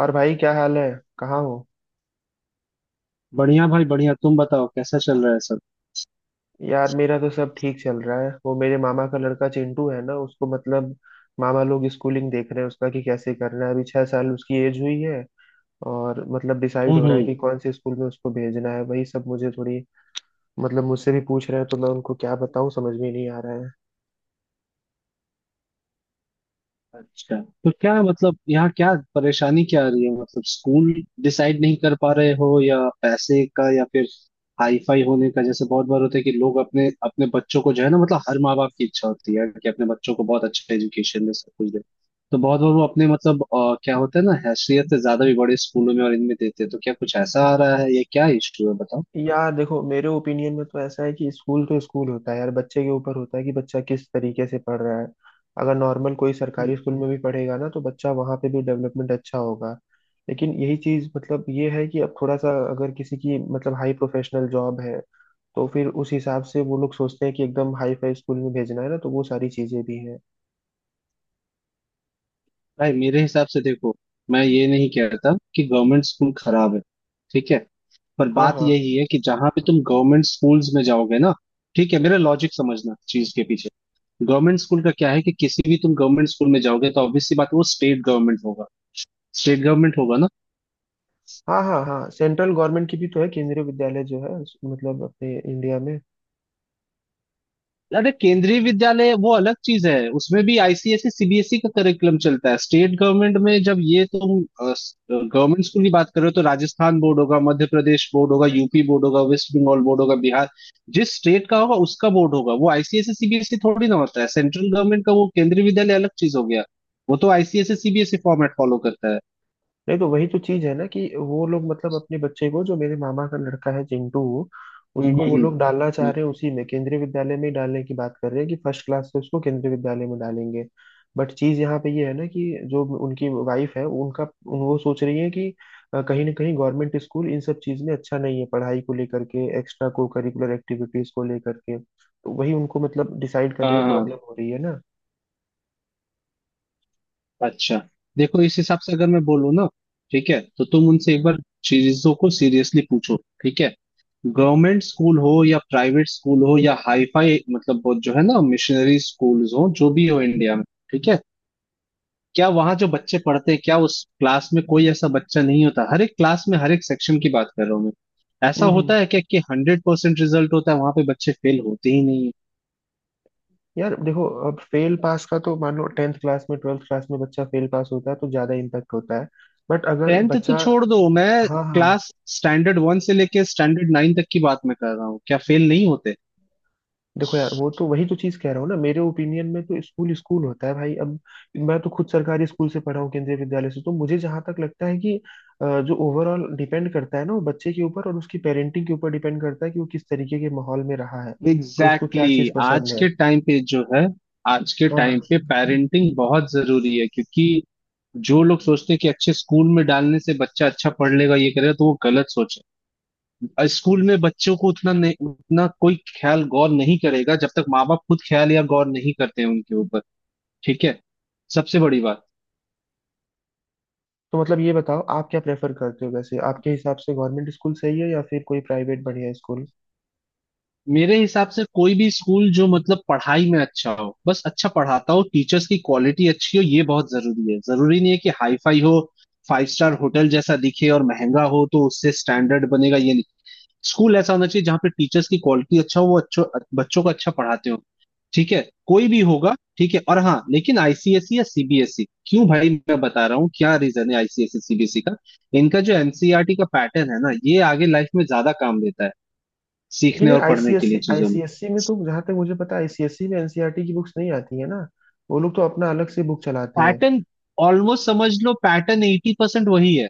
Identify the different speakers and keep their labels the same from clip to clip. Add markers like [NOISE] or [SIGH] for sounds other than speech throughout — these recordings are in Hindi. Speaker 1: और भाई, क्या हाल है? कहाँ हो?
Speaker 2: बढ़िया भाई बढ़िया। तुम बताओ कैसा चल रहा है सब।
Speaker 1: यार, मेरा तो सब ठीक चल रहा है। वो मेरे मामा का लड़का चिंटू है ना, उसको मतलब मामा लोग स्कूलिंग देख रहे हैं उसका, कि कैसे करना है। अभी 6 साल उसकी एज हुई है और मतलब डिसाइड
Speaker 2: हम्म,
Speaker 1: हो रहा है
Speaker 2: हम्म।
Speaker 1: कि कौन से स्कूल में उसको भेजना है, वही सब मुझे थोड़ी मतलब मुझसे भी पूछ रहे हैं। तो मैं उनको क्या बताऊँ समझ में नहीं आ रहा है।
Speaker 2: अच्छा। तो क्या मतलब यहाँ क्या परेशानी क्या आ रही है? मतलब स्कूल डिसाइड नहीं कर पा रहे हो, या पैसे का, या फिर हाई फाई होने का? जैसे बहुत बार होता है कि लोग अपने अपने बच्चों को जो है ना, मतलब हर माँ बाप की इच्छा होती है कि अपने बच्चों को बहुत अच्छा एजुकेशन दे, सब कुछ दे। तो बहुत बार वो अपने मतलब क्या होता है ना, हैसियत से ज्यादा भी बड़े स्कूलों में और इनमें देते हैं। तो क्या कुछ ऐसा आ रहा है? ये क्या इशू है, बताओ।
Speaker 1: यार देखो, मेरे ओपिनियन में तो ऐसा है कि स्कूल तो स्कूल होता है यार। बच्चे के ऊपर होता है कि बच्चा किस तरीके से पढ़ रहा है। अगर नॉर्मल कोई सरकारी स्कूल में भी पढ़ेगा ना तो बच्चा वहाँ पे भी डेवलपमेंट अच्छा होगा। लेकिन यही चीज मतलब ये है कि अब थोड़ा सा अगर किसी की मतलब हाई प्रोफेशनल जॉब है तो फिर उस हिसाब से वो लोग सोचते हैं कि एकदम हाई फाई स्कूल में भेजना है, ना तो वो सारी चीजें भी हैं।
Speaker 2: भाई मेरे हिसाब से देखो, मैं ये नहीं कहता कि गवर्नमेंट स्कूल खराब है। ठीक है। पर
Speaker 1: हाँ
Speaker 2: बात
Speaker 1: हाँ
Speaker 2: यही है कि जहां पे तुम गवर्नमेंट स्कूल्स में जाओगे ना, ठीक है, मेरा लॉजिक समझना चीज के पीछे। गवर्नमेंट स्कूल का क्या है कि किसी भी तुम गवर्नमेंट स्कूल में जाओगे तो ऑब्वियस सी बात है, वो स्टेट गवर्नमेंट होगा। स्टेट गवर्नमेंट होगा ना।
Speaker 1: हाँ हाँ हाँ, सेंट्रल गवर्नमेंट की भी तो है केंद्रीय विद्यालय जो है, मतलब अपने इंडिया में।
Speaker 2: अरे केंद्रीय विद्यालय वो अलग चीज है, उसमें भी आईसीएसई सीबीएसई का करिकुलम चलता है। स्टेट गवर्नमेंट में जब ये तुम गवर्नमेंट स्कूल की बात कर रहे हो तो राजस्थान बोर्ड होगा, मध्य प्रदेश बोर्ड होगा, यूपी बोर्ड होगा, वेस्ट बंगाल बोर्ड होगा, बिहार, जिस स्टेट का होगा उसका बोर्ड होगा। वो आईसीएसई सीबीएसई थोड़ी ना होता है। सेंट्रल गवर्नमेंट का वो केंद्रीय विद्यालय अलग चीज हो गया, वो तो आईसीएसई सीबीएसई फॉर्मेट फॉलो करता है।
Speaker 1: नहीं तो वही तो चीज है ना, कि वो लोग मतलब अपने बच्चे को, जो मेरे मामा का लड़का है चिंटू,
Speaker 2: हम्म,
Speaker 1: उसको
Speaker 2: हम्म,
Speaker 1: वो
Speaker 2: हम्म।
Speaker 1: लोग डालना चाह
Speaker 2: हम्म।
Speaker 1: रहे हैं उसी में, केंद्रीय विद्यालय में ही डालने की बात कर रहे हैं कि फर्स्ट क्लास से उसको केंद्रीय विद्यालय में डालेंगे। बट चीज यहाँ पे ये है ना कि जो उनकी वाइफ है उनका वो सोच रही है कि कहीं ना कहीं गवर्नमेंट स्कूल इन सब चीज में अच्छा नहीं है, पढ़ाई को लेकर के, एक्स्ट्रा को करिकुलर एक्टिविटीज को लेकर के, तो वही उनको मतलब डिसाइड करने
Speaker 2: हाँ
Speaker 1: में प्रॉब्लम
Speaker 2: हाँ।
Speaker 1: हो रही है ना।
Speaker 2: अच्छा। देखो इस हिसाब से अगर मैं बोलूँ ना, ठीक है, तो तुम उनसे एक बार चीजों को सीरियसली पूछो। ठीक है। गवर्नमेंट स्कूल हो या प्राइवेट स्कूल हो या हाईफाई मतलब वो जो है ना, मिशनरी स्कूल्स हो, जो भी हो इंडिया में। ठीक है। क्या वहाँ जो बच्चे पढ़ते हैं, क्या उस क्लास में कोई ऐसा बच्चा नहीं होता? हर एक क्लास में हर एक सेक्शन की बात कर रहा हूँ मैं। ऐसा
Speaker 1: हम्म।
Speaker 2: होता है क्या कि 100% रिजल्ट होता है, वहां पे बच्चे फेल होते ही नहीं है?
Speaker 1: यार देखो, अब फेल पास का तो मान लो टेंथ क्लास में, ट्वेल्थ क्लास में बच्चा फेल पास होता है तो ज्यादा इम्पैक्ट होता है, बट अगर
Speaker 2: टेंथ तो
Speaker 1: बच्चा।
Speaker 2: छोड़ दो, मैं
Speaker 1: हाँ हाँ।
Speaker 2: क्लास स्टैंडर्ड 1 से लेके स्टैंडर्ड 9 तक की बात मैं कर रहा हूँ, क्या फेल नहीं होते?
Speaker 1: देखो यार, वो तो वही तो चीज कह रहा हूँ ना, मेरे ओपिनियन में तो स्कूल स्कूल होता है भाई। अब मैं तो खुद सरकारी स्कूल से पढ़ा हूँ, केंद्रीय विद्यालय से, तो मुझे जहां तक लगता है कि जो ओवरऑल डिपेंड करता है ना वो बच्चे के ऊपर और उसकी पेरेंटिंग के ऊपर डिपेंड करता है कि वो किस तरीके के माहौल में रहा है और उसको
Speaker 2: एग्जैक्टली
Speaker 1: क्या चीज
Speaker 2: exactly. आज
Speaker 1: पसंद है।
Speaker 2: के टाइम पे जो है, आज के
Speaker 1: हाँ हाँ।
Speaker 2: टाइम पे पेरेंटिंग बहुत जरूरी है, क्योंकि जो लोग सोचते हैं कि अच्छे स्कूल में डालने से बच्चा अच्छा पढ़ लेगा ये करेगा, तो वो गलत सोच है। स्कूल में बच्चों को उतना नहीं, उतना कोई ख्याल गौर नहीं करेगा जब तक माँ बाप खुद ख्याल या गौर नहीं करते हैं उनके ऊपर। ठीक है। सबसे बड़ी बात,
Speaker 1: तो मतलब ये बताओ, आप क्या प्रेफर करते हो? वैसे आपके हिसाब से गवर्नमेंट स्कूल सही है या फिर कोई प्राइवेट बढ़िया स्कूल?
Speaker 2: मेरे हिसाब से कोई भी स्कूल जो मतलब पढ़ाई में अच्छा हो, बस अच्छा पढ़ाता हो, टीचर्स की क्वालिटी अच्छी हो, ये बहुत जरूरी है। जरूरी नहीं है कि हाई फाई हो, फाइव स्टार होटल जैसा दिखे और महंगा हो तो उससे स्टैंडर्ड बनेगा, ये नहीं। स्कूल ऐसा होना चाहिए जहाँ पे टीचर्स की क्वालिटी अच्छा हो, वो अच्छो बच्चों को अच्छा पढ़ाते हो। ठीक है। कोई भी होगा, ठीक है। और हाँ लेकिन आईसीएसई या सीबीएसई क्यों? भाई मैं बता रहा हूँ क्या रीजन है आईसीएसई सीबीएसई का। इनका जो एनसीईआरटी का पैटर्न है ना, ये आगे लाइफ में ज्यादा काम देता है
Speaker 1: लेकिन
Speaker 2: सीखने
Speaker 1: यार
Speaker 2: और पढ़ने के
Speaker 1: आईसीएससी,
Speaker 2: लिए चीजों में।
Speaker 1: आईसीएससी में तो जहाँ तक मुझे पता है, आईसीएससी में एनसीईआरटी की बुक्स नहीं आती है ना, वो लोग तो अपना अलग से बुक चलाते हैं।
Speaker 2: पैटर्न ऑलमोस्ट समझ लो, पैटर्न 80% वही है।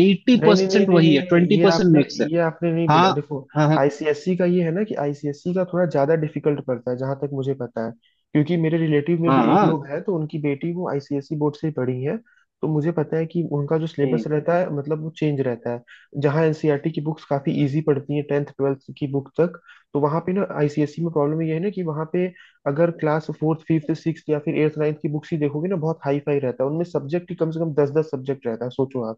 Speaker 2: एटी
Speaker 1: नहीं नहीं नहीं
Speaker 2: परसेंट
Speaker 1: नहीं
Speaker 2: वही
Speaker 1: नहीं
Speaker 2: है,
Speaker 1: नहीं,
Speaker 2: ट्वेंटी
Speaker 1: ये
Speaker 2: परसेंट
Speaker 1: आपने,
Speaker 2: मिक्स है।
Speaker 1: ये आपने नहीं बोला।
Speaker 2: हाँ
Speaker 1: देखो,
Speaker 2: हाँ हाँ।
Speaker 1: आईसीएसई का ये है ना कि आईसीएसई का थोड़ा ज्यादा डिफिकल्ट पड़ता है जहां तक मुझे पता है, क्योंकि मेरे रिलेटिव में
Speaker 2: हाँ
Speaker 1: भी एक
Speaker 2: हाँ।
Speaker 1: लोग है तो उनकी बेटी वो आईसीएसई बोर्ड से ही पढ़ी है, तो मुझे पता है कि उनका जो सिलेबस
Speaker 2: हम्म,
Speaker 1: रहता है मतलब वो चेंज रहता है। जहाँ एनसीईआरटी की बुक्स काफी इजी पड़ती हैं टेंथ ट्वेल्थ की बुक तक, तो वहाँ पे ना आईसीएसई में प्रॉब्लम ये है ना कि वहाँ पे अगर क्लास फोर्थ फिफ्थ सिक्स या फिर एट्थ नाइन्थ की बुक्स ही देखोगे ना, बहुत हाई फाई रहता है उनमें। सब्जेक्ट ही कम से कम दस दस सब्जेक्ट रहता है, सोचो आप।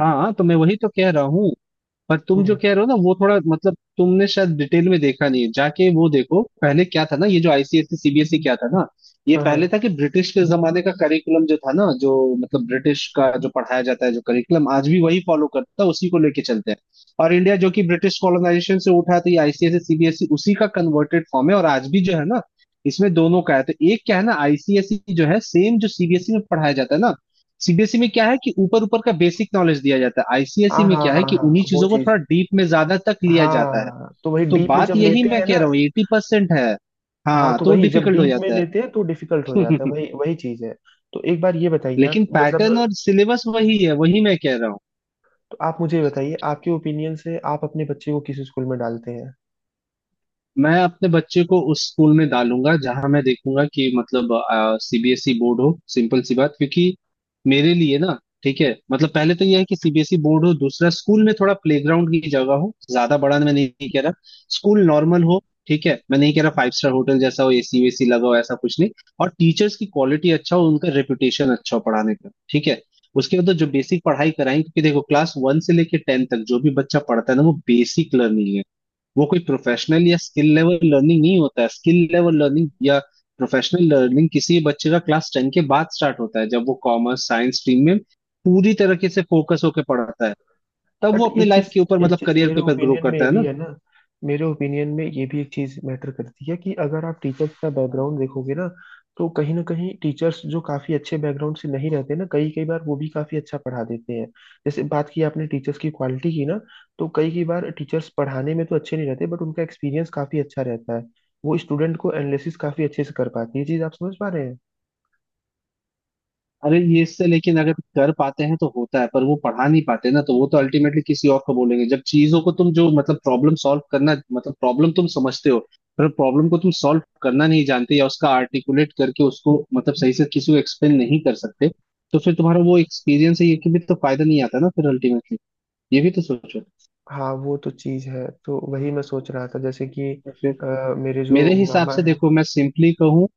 Speaker 2: हाँ। तो मैं वही तो कह रहा हूँ। पर तुम जो
Speaker 1: हम्म।
Speaker 2: कह रहे हो ना वो थोड़ा मतलब तुमने शायद डिटेल में देखा नहीं है जाके। वो देखो पहले क्या था ना, ये जो आईसीएसई सीबीएसई क्या था ना, ये
Speaker 1: हाँ
Speaker 2: पहले
Speaker 1: हाँ
Speaker 2: था कि ब्रिटिश के जमाने का करिकुलम जो था ना, जो मतलब ब्रिटिश का जो पढ़ाया जाता है, जो करिकुलम आज भी वही फॉलो करता है, उसी को लेके चलते हैं। और इंडिया जो कि ब्रिटिश कॉलोनाइजेशन से उठा, तो ये आईसीएसई सीबीएसई उसी का कन्वर्टेड फॉर्म है। और आज भी जो है ना, इसमें दोनों का है। तो एक क्या है ना, आईसीएसई जो है सेम जो सीबीएसई में पढ़ाया जाता है ना। सीबीएसई में क्या है कि ऊपर ऊपर का बेसिक नॉलेज दिया जाता है। आईसीएसई
Speaker 1: हाँ
Speaker 2: में
Speaker 1: हाँ
Speaker 2: क्या है
Speaker 1: हाँ
Speaker 2: कि
Speaker 1: हाँ,
Speaker 2: उन्हीं
Speaker 1: वो
Speaker 2: चीजों को थोड़ा
Speaker 1: चीज।
Speaker 2: डीप में ज्यादा तक लिया जाता है।
Speaker 1: हाँ, तो वही
Speaker 2: तो
Speaker 1: डीप में
Speaker 2: बात
Speaker 1: जब
Speaker 2: यही
Speaker 1: लेते
Speaker 2: मैं
Speaker 1: हैं
Speaker 2: कह
Speaker 1: ना।
Speaker 2: रहा हूँ 80% है।
Speaker 1: हाँ,
Speaker 2: हाँ
Speaker 1: तो
Speaker 2: तो
Speaker 1: वही जब
Speaker 2: डिफिकल्ट हो
Speaker 1: डीप में
Speaker 2: जाता है।
Speaker 1: लेते हैं तो डिफिकल्ट
Speaker 2: [LAUGHS]
Speaker 1: हो जाता है, वही वही चीज है। तो एक बार ये बताइए आप
Speaker 2: लेकिन
Speaker 1: मतलब,
Speaker 2: पैटर्न और सिलेबस वही है, वही मैं कह रहा हूँ।
Speaker 1: तो आप मुझे ये बताइए, आपके ओपिनियन से आप अपने बच्चे को किस स्कूल में डालते हैं?
Speaker 2: मैं अपने बच्चे को उस स्कूल में डालूंगा जहां मैं देखूंगा कि मतलब सीबीएसई बोर्ड हो, सिंपल सी बात। क्योंकि मेरे लिए ना, ठीक है, मतलब पहले तो यह है कि सीबीएसई बोर्ड हो, दूसरा स्कूल में थोड़ा प्लेग्राउंड की जगह हो। ज्यादा बड़ा मैं नहीं कह रहा, स्कूल नॉर्मल हो। ठीक है, मैं नहीं कह रहा फाइव स्टार होटल जैसा हो, एसी वेसी लगा हो, ऐसा कुछ नहीं। और टीचर्स की क्वालिटी अच्छा हो, उनका रेपुटेशन अच्छा हो पढ़ाने का। ठीक है। उसके बाद तो जो बेसिक पढ़ाई कराएं, क्योंकि देखो क्लास 1 से लेके 10 तक जो भी बच्चा पढ़ता है ना, वो बेसिक लर्निंग है। वो कोई प्रोफेशनल या स्किल लेवल लर्निंग नहीं होता है। स्किल लेवल लर्निंग या प्रोफेशनल लर्निंग किसी बच्चे का क्लास 10 के बाद स्टार्ट होता है, जब वो कॉमर्स साइंस स्ट्रीम में पूरी तरीके से फोकस होकर पढ़ता है। तब
Speaker 1: बट
Speaker 2: वो अपने
Speaker 1: एक
Speaker 2: लाइफ
Speaker 1: चीज,
Speaker 2: के ऊपर
Speaker 1: एक
Speaker 2: मतलब
Speaker 1: चीज
Speaker 2: करियर
Speaker 1: मेरे
Speaker 2: के ऊपर ग्रो
Speaker 1: ओपिनियन में
Speaker 2: करता
Speaker 1: ये भी
Speaker 2: है।
Speaker 1: है ना, मेरे ओपिनियन में ये भी एक चीज मैटर करती है कि अगर आप टीचर्स का
Speaker 2: ना,
Speaker 1: बैकग्राउंड देखोगे ना, तो कहीं ना कहीं टीचर्स जो काफी अच्छे बैकग्राउंड से नहीं रहते ना, कई कई बार वो भी काफी अच्छा पढ़ा देते हैं। जैसे बात की आपने टीचर्स की क्वालिटी की ना, तो कई कई बार टीचर्स पढ़ाने में तो अच्छे नहीं रहते बट उनका एक्सपीरियंस काफी अच्छा रहता है, वो स्टूडेंट को एनालिसिस काफी अच्छे से कर पाती है। ये चीज आप समझ पा रहे हैं?
Speaker 2: अरे ये इससे लेकिन अगर कर पाते हैं तो होता है, पर वो पढ़ा नहीं पाते ना, तो वो तो अल्टीमेटली किसी और को बोलेंगे। जब चीजों को तुम जो मतलब प्रॉब्लम सॉल्व करना, मतलब प्रॉब्लम तुम समझते हो, पर प्रॉब्लम को तुम सॉल्व करना नहीं जानते, या उसका आर्टिकुलेट करके उसको मतलब सही से किसी को एक्सप्लेन नहीं कर सकते, तो फिर तुम्हारा वो एक्सपीरियंस है ये कि भी तो फायदा नहीं आता ना फिर अल्टीमेटली। ये भी तो सोचो।
Speaker 1: हाँ वो तो चीज है, तो वही मैं सोच रहा था, जैसे कि अ, मेरे जो
Speaker 2: मेरे हिसाब
Speaker 1: मामा
Speaker 2: से देखो, मैं सिंपली कहूँ,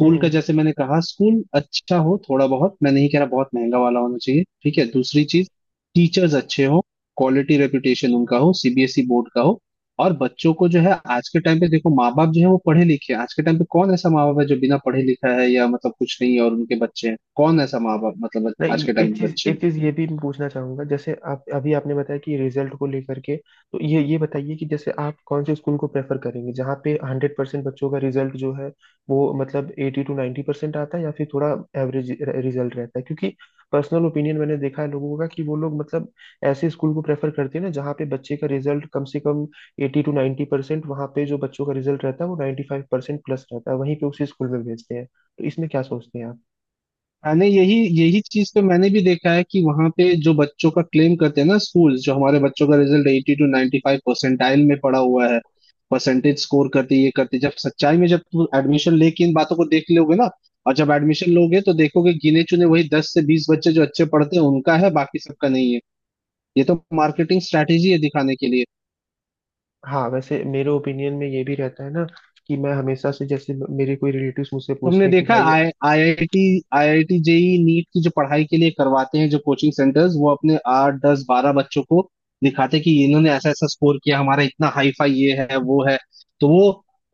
Speaker 1: है।
Speaker 2: का जैसे मैंने कहा स्कूल अच्छा हो। थोड़ा बहुत मैं नहीं कह रहा बहुत महंगा वाला होना चाहिए। ठीक है। दूसरी चीज, टीचर्स अच्छे हो, क्वालिटी रेपुटेशन उनका हो, सीबीएसई बोर्ड का हो। और बच्चों को जो है, आज के टाइम पे देखो माँ बाप जो है वो पढ़े लिखे हैं। आज के टाइम पे कौन ऐसा माँ बाप है जो बिना पढ़े लिखा है या मतलब कुछ नहीं है और उनके बच्चे हैं? कौन ऐसा माँ बाप मतलब
Speaker 1: नहीं
Speaker 2: आज
Speaker 1: ये-
Speaker 2: के टाइम
Speaker 1: एक
Speaker 2: के
Speaker 1: चीज,
Speaker 2: बच्चे हैं?
Speaker 1: एक चीज ये भी मैं पूछना चाहूंगा, जैसे आप अभी आपने बताया कि रिजल्ट को लेकर के, तो ये बताइए कि जैसे आप कौन से स्कूल को प्रेफर करेंगे? जहाँ पे 100% बच्चों का रिजल्ट जो है वो मतलब एटी टू 90% परसेंट आता है, या फिर थोड़ा एवरेज रिजल्ट रहता है? क्योंकि पर्सनल ओपिनियन मैंने देखा है लोगों का कि वो लोग मतलब ऐसे स्कूल को प्रेफर करते हैं ना जहाँ पे बच्चे का रिजल्ट कम से कम एटी टू 90% परसेंट, वहाँ पे जो बच्चों का रिजल्ट रहता है वो 95% प्लस रहता है, वहीं पे उसी स्कूल में भेजते हैं। तो इसमें क्या सोचते हैं?
Speaker 2: मैंने यही यही चीज तो मैंने भी देखा है कि वहां पे जो बच्चों का क्लेम करते हैं ना स्कूल्स, जो हमारे बच्चों का result eighty to 95 five percentile में पड़ा हुआ है, परसेंटेज स्कोर करते ये करते। जब सच्चाई में जब तुम एडमिशन लेके इन बातों को देख लोगे ना, और जब एडमिशन लोगे तो देखोगे गिने चुने वही 10 से 20 बच्चे जो अच्छे पढ़ते हैं उनका है, बाकी सबका नहीं है। ये तो मार्केटिंग स्ट्रैटेजी है दिखाने के लिए।
Speaker 1: हाँ, वैसे मेरे ओपिनियन में ये भी रहता है ना कि मैं हमेशा से, जैसे मेरे कोई रिलेटिव्स मुझसे
Speaker 2: तुमने
Speaker 1: पूछते हैं कि
Speaker 2: देखा
Speaker 1: भाई
Speaker 2: I IIT IIT JEE NEET की जो पढ़ाई के लिए करवाते हैं जो कोचिंग सेंटर्स, वो अपने 8, 10, 12 बच्चों को दिखाते कि इन्होंने ऐसा ऐसा स्कोर किया, हमारा इतना हाई फाई ये है वो है। तो वो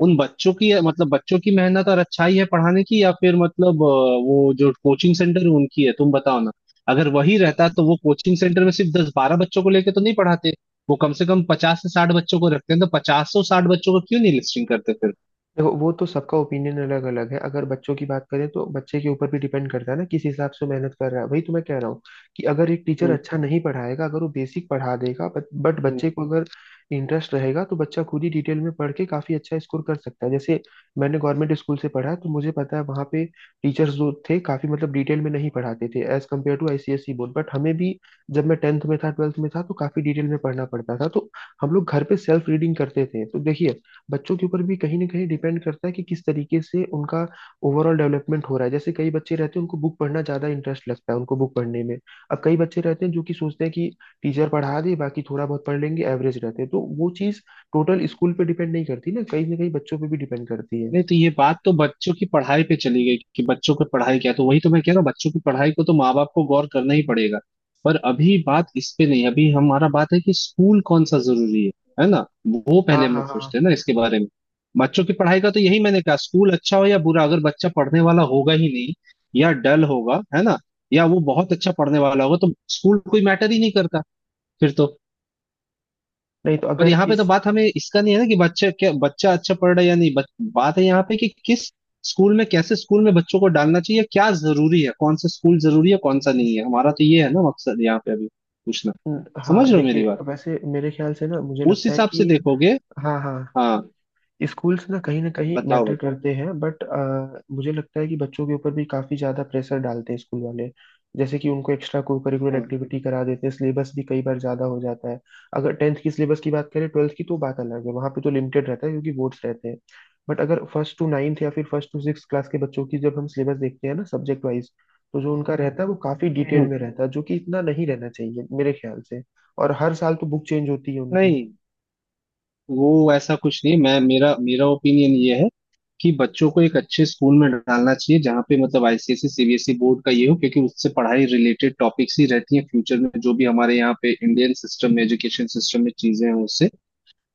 Speaker 2: उन बच्चों की मतलब बच्चों की मेहनत और अच्छाई है पढ़ाने की, या फिर मतलब वो जो कोचिंग सेंटर है उनकी है, तुम बताओ ना। अगर वही रहता तो वो कोचिंग सेंटर में सिर्फ 10, 12 बच्चों को लेके तो नहीं पढ़ाते। वो कम से कम 50 से 60 बच्चों को रखते हैं, तो 50, 100, 60 बच्चों को क्यों नहीं लिस्टिंग करते?
Speaker 1: देखो, वो तो सबका ओपिनियन अलग अलग है। अगर बच्चों की बात करें तो बच्चे के ऊपर भी डिपेंड करता है ना, किस हिसाब से वो मेहनत कर रहा है। वही तो मैं कह रहा हूँ कि अगर एक टीचर
Speaker 2: फिर
Speaker 1: अच्छा नहीं पढ़ाएगा, अगर वो बेसिक पढ़ा देगा, बट बच्चे को अगर इंटरेस्ट रहेगा तो बच्चा खुद ही डिटेल में पढ़ के काफी अच्छा स्कोर कर सकता है। जैसे मैंने गवर्नमेंट स्कूल से पढ़ा है, तो मुझे पता है वहाँ पे टीचर्स जो थे काफी मतलब डिटेल में नहीं पढ़ाते थे as compare to ICSE board, but हमें भी जब मैं टेंथ में था, ट्वेल्थ में था, तो काफी डिटेल में पढ़ना पड़ता था, तो हम लोग घर पे सेल्फ रीडिंग करते थे। तो देखिए, बच्चों के ऊपर भी कहीं ना कहीं डिपेंड करता है कि किस तरीके से उनका ओवरऑल डेवलपमेंट हो रहा है। जैसे कई बच्चे रहते हैं उनको बुक पढ़ना ज्यादा इंटरेस्ट लगता है, उनको बुक पढ़ने में। अब कई बच्चे रहते हैं जो कि सोचते हैं कि टीचर पढ़ा दे, बाकी थोड़ा बहुत पढ़ लेंगे, एवरेज रहते हैं, तो वो चीज टोटल स्कूल पे डिपेंड नहीं करती ना, कहीं ना कहीं बच्चों पे भी डिपेंड करती है।
Speaker 2: नहीं तो ये बात तो बच्चों की पढ़ाई पे चली गई कि बच्चों की पढ़ाई क्या है। तो वही तो मैं कह रहा हूँ बच्चों की पढ़ाई को तो माँ बाप को गौर करना ही पड़ेगा। पर अभी बात इस पे नहीं है। अभी हमारा बात है कि स्कूल कौन सा जरूरी है ना, वो
Speaker 1: हाँ
Speaker 2: पहले हम
Speaker 1: हाँ
Speaker 2: लोग सोचते
Speaker 1: हाँ।
Speaker 2: हैं ना इसके बारे में। बच्चों की पढ़ाई का तो यही मैंने कहा, स्कूल अच्छा हो या बुरा अगर बच्चा पढ़ने वाला होगा ही नहीं, या डल होगा, है ना, या वो बहुत अच्छा पढ़ने वाला होगा तो स्कूल कोई मैटर ही नहीं करता फिर तो।
Speaker 1: नहीं, तो
Speaker 2: पर
Speaker 1: अगर
Speaker 2: यहाँ पे तो
Speaker 1: इस
Speaker 2: बात हमें इसका नहीं है ना कि बच्चा क्या, बच्चा अच्छा पढ़ रहा है या नहीं, बात है यहाँ पे कि किस स्कूल में, कैसे स्कूल में बच्चों को डालना चाहिए, क्या जरूरी है, कौन सा स्कूल जरूरी है, कौन सा नहीं है। हमारा तो ये है ना मकसद यहाँ पे अभी पूछना।
Speaker 1: हाँ
Speaker 2: समझ रहे हो मेरी
Speaker 1: देखिए,
Speaker 2: बात?
Speaker 1: वैसे मेरे ख्याल से ना, मुझे
Speaker 2: उस
Speaker 1: लगता है
Speaker 2: हिसाब से
Speaker 1: कि,
Speaker 2: देखोगे।
Speaker 1: हाँ हाँ,
Speaker 2: हाँ,
Speaker 1: स्कूल्स ना कहीं
Speaker 2: बताओ
Speaker 1: मैटर
Speaker 2: बताओ।
Speaker 1: करते हैं बट मुझे लगता है कि बच्चों के ऊपर भी काफी ज्यादा प्रेशर डालते हैं स्कूल वाले, जैसे कि उनको एक्स्ट्रा को करिकुलर
Speaker 2: हाँ।
Speaker 1: एक्टिविटी करा देते हैं, सिलेबस भी कई बार ज्यादा हो जाता है। अगर टेंथ की सिलेबस की बात करें ट्वेल्थ की तो बात अलग है, वहां पे तो लिमिटेड रहता है क्योंकि बोर्ड्स रहते हैं। बट अगर फर्स्ट टू नाइन्थ या फिर फर्स्ट टू सिक्स क्लास के बच्चों की जब हम सिलेबस देखते हैं ना सब्जेक्ट वाइज, तो जो उनका रहता है वो काफी डिटेल
Speaker 2: हम्म,
Speaker 1: में रहता है, जो कि इतना नहीं रहना चाहिए मेरे ख्याल से। और हर साल तो बुक चेंज होती है उनकी।
Speaker 2: नहीं, वो ऐसा कुछ नहीं। मैं मेरा मेरा ओपिनियन ये है कि बच्चों को एक अच्छे स्कूल में डालना चाहिए जहाँ पे मतलब आईसीएसई सीबीएसई बोर्ड का ये हो, क्योंकि उससे पढ़ाई रिलेटेड टॉपिक्स ही रहती हैं फ्यूचर में जो भी हमारे यहाँ पे इंडियन सिस्टम में एजुकेशन सिस्टम में चीजें हैं उससे।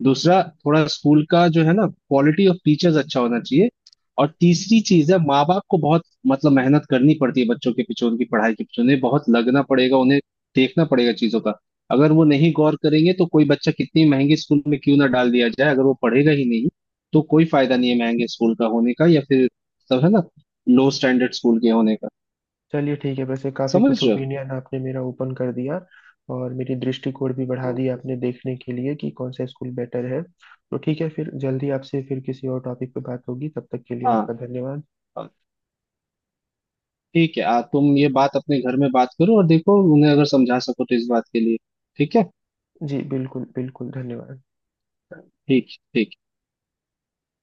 Speaker 2: दूसरा, थोड़ा स्कूल का जो है ना क्वालिटी ऑफ टीचर्स अच्छा होना चाहिए। और तीसरी चीज है, माँ बाप को बहुत मतलब मेहनत करनी पड़ती है बच्चों के पीछे, उनकी पढ़ाई के पीछे उन्हें बहुत लगना पड़ेगा, उन्हें देखना पड़ेगा चीजों का। अगर वो नहीं गौर करेंगे तो कोई बच्चा कितनी महंगे स्कूल में क्यों ना डाल दिया जाए, अगर वो पढ़ेगा ही नहीं तो कोई फायदा नहीं है महंगे स्कूल का होने का, या फिर सब है ना लो स्टैंडर्ड स्कूल के होने का।
Speaker 1: चलिए ठीक है, वैसे काफी
Speaker 2: समझ
Speaker 1: कुछ
Speaker 2: रहे हो?
Speaker 1: ओपिनियन आपने मेरा ओपन कर दिया और मेरी दृष्टिकोण भी बढ़ा
Speaker 2: हम्म।
Speaker 1: दिया आपने, देखने के लिए कि कौन सा स्कूल बेटर है। तो ठीक है, फिर जल्दी आपसे फिर किसी और टॉपिक पे बात होगी। तब तक के लिए
Speaker 2: हाँ।
Speaker 1: आपका धन्यवाद।
Speaker 2: हाँ, ठीक है। तुम ये बात अपने घर में बात करो और देखो उन्हें अगर समझा सको तो इस बात के लिए। ठीक है।
Speaker 1: जी बिल्कुल बिल्कुल, धन्यवाद।
Speaker 2: ठीक ठीक।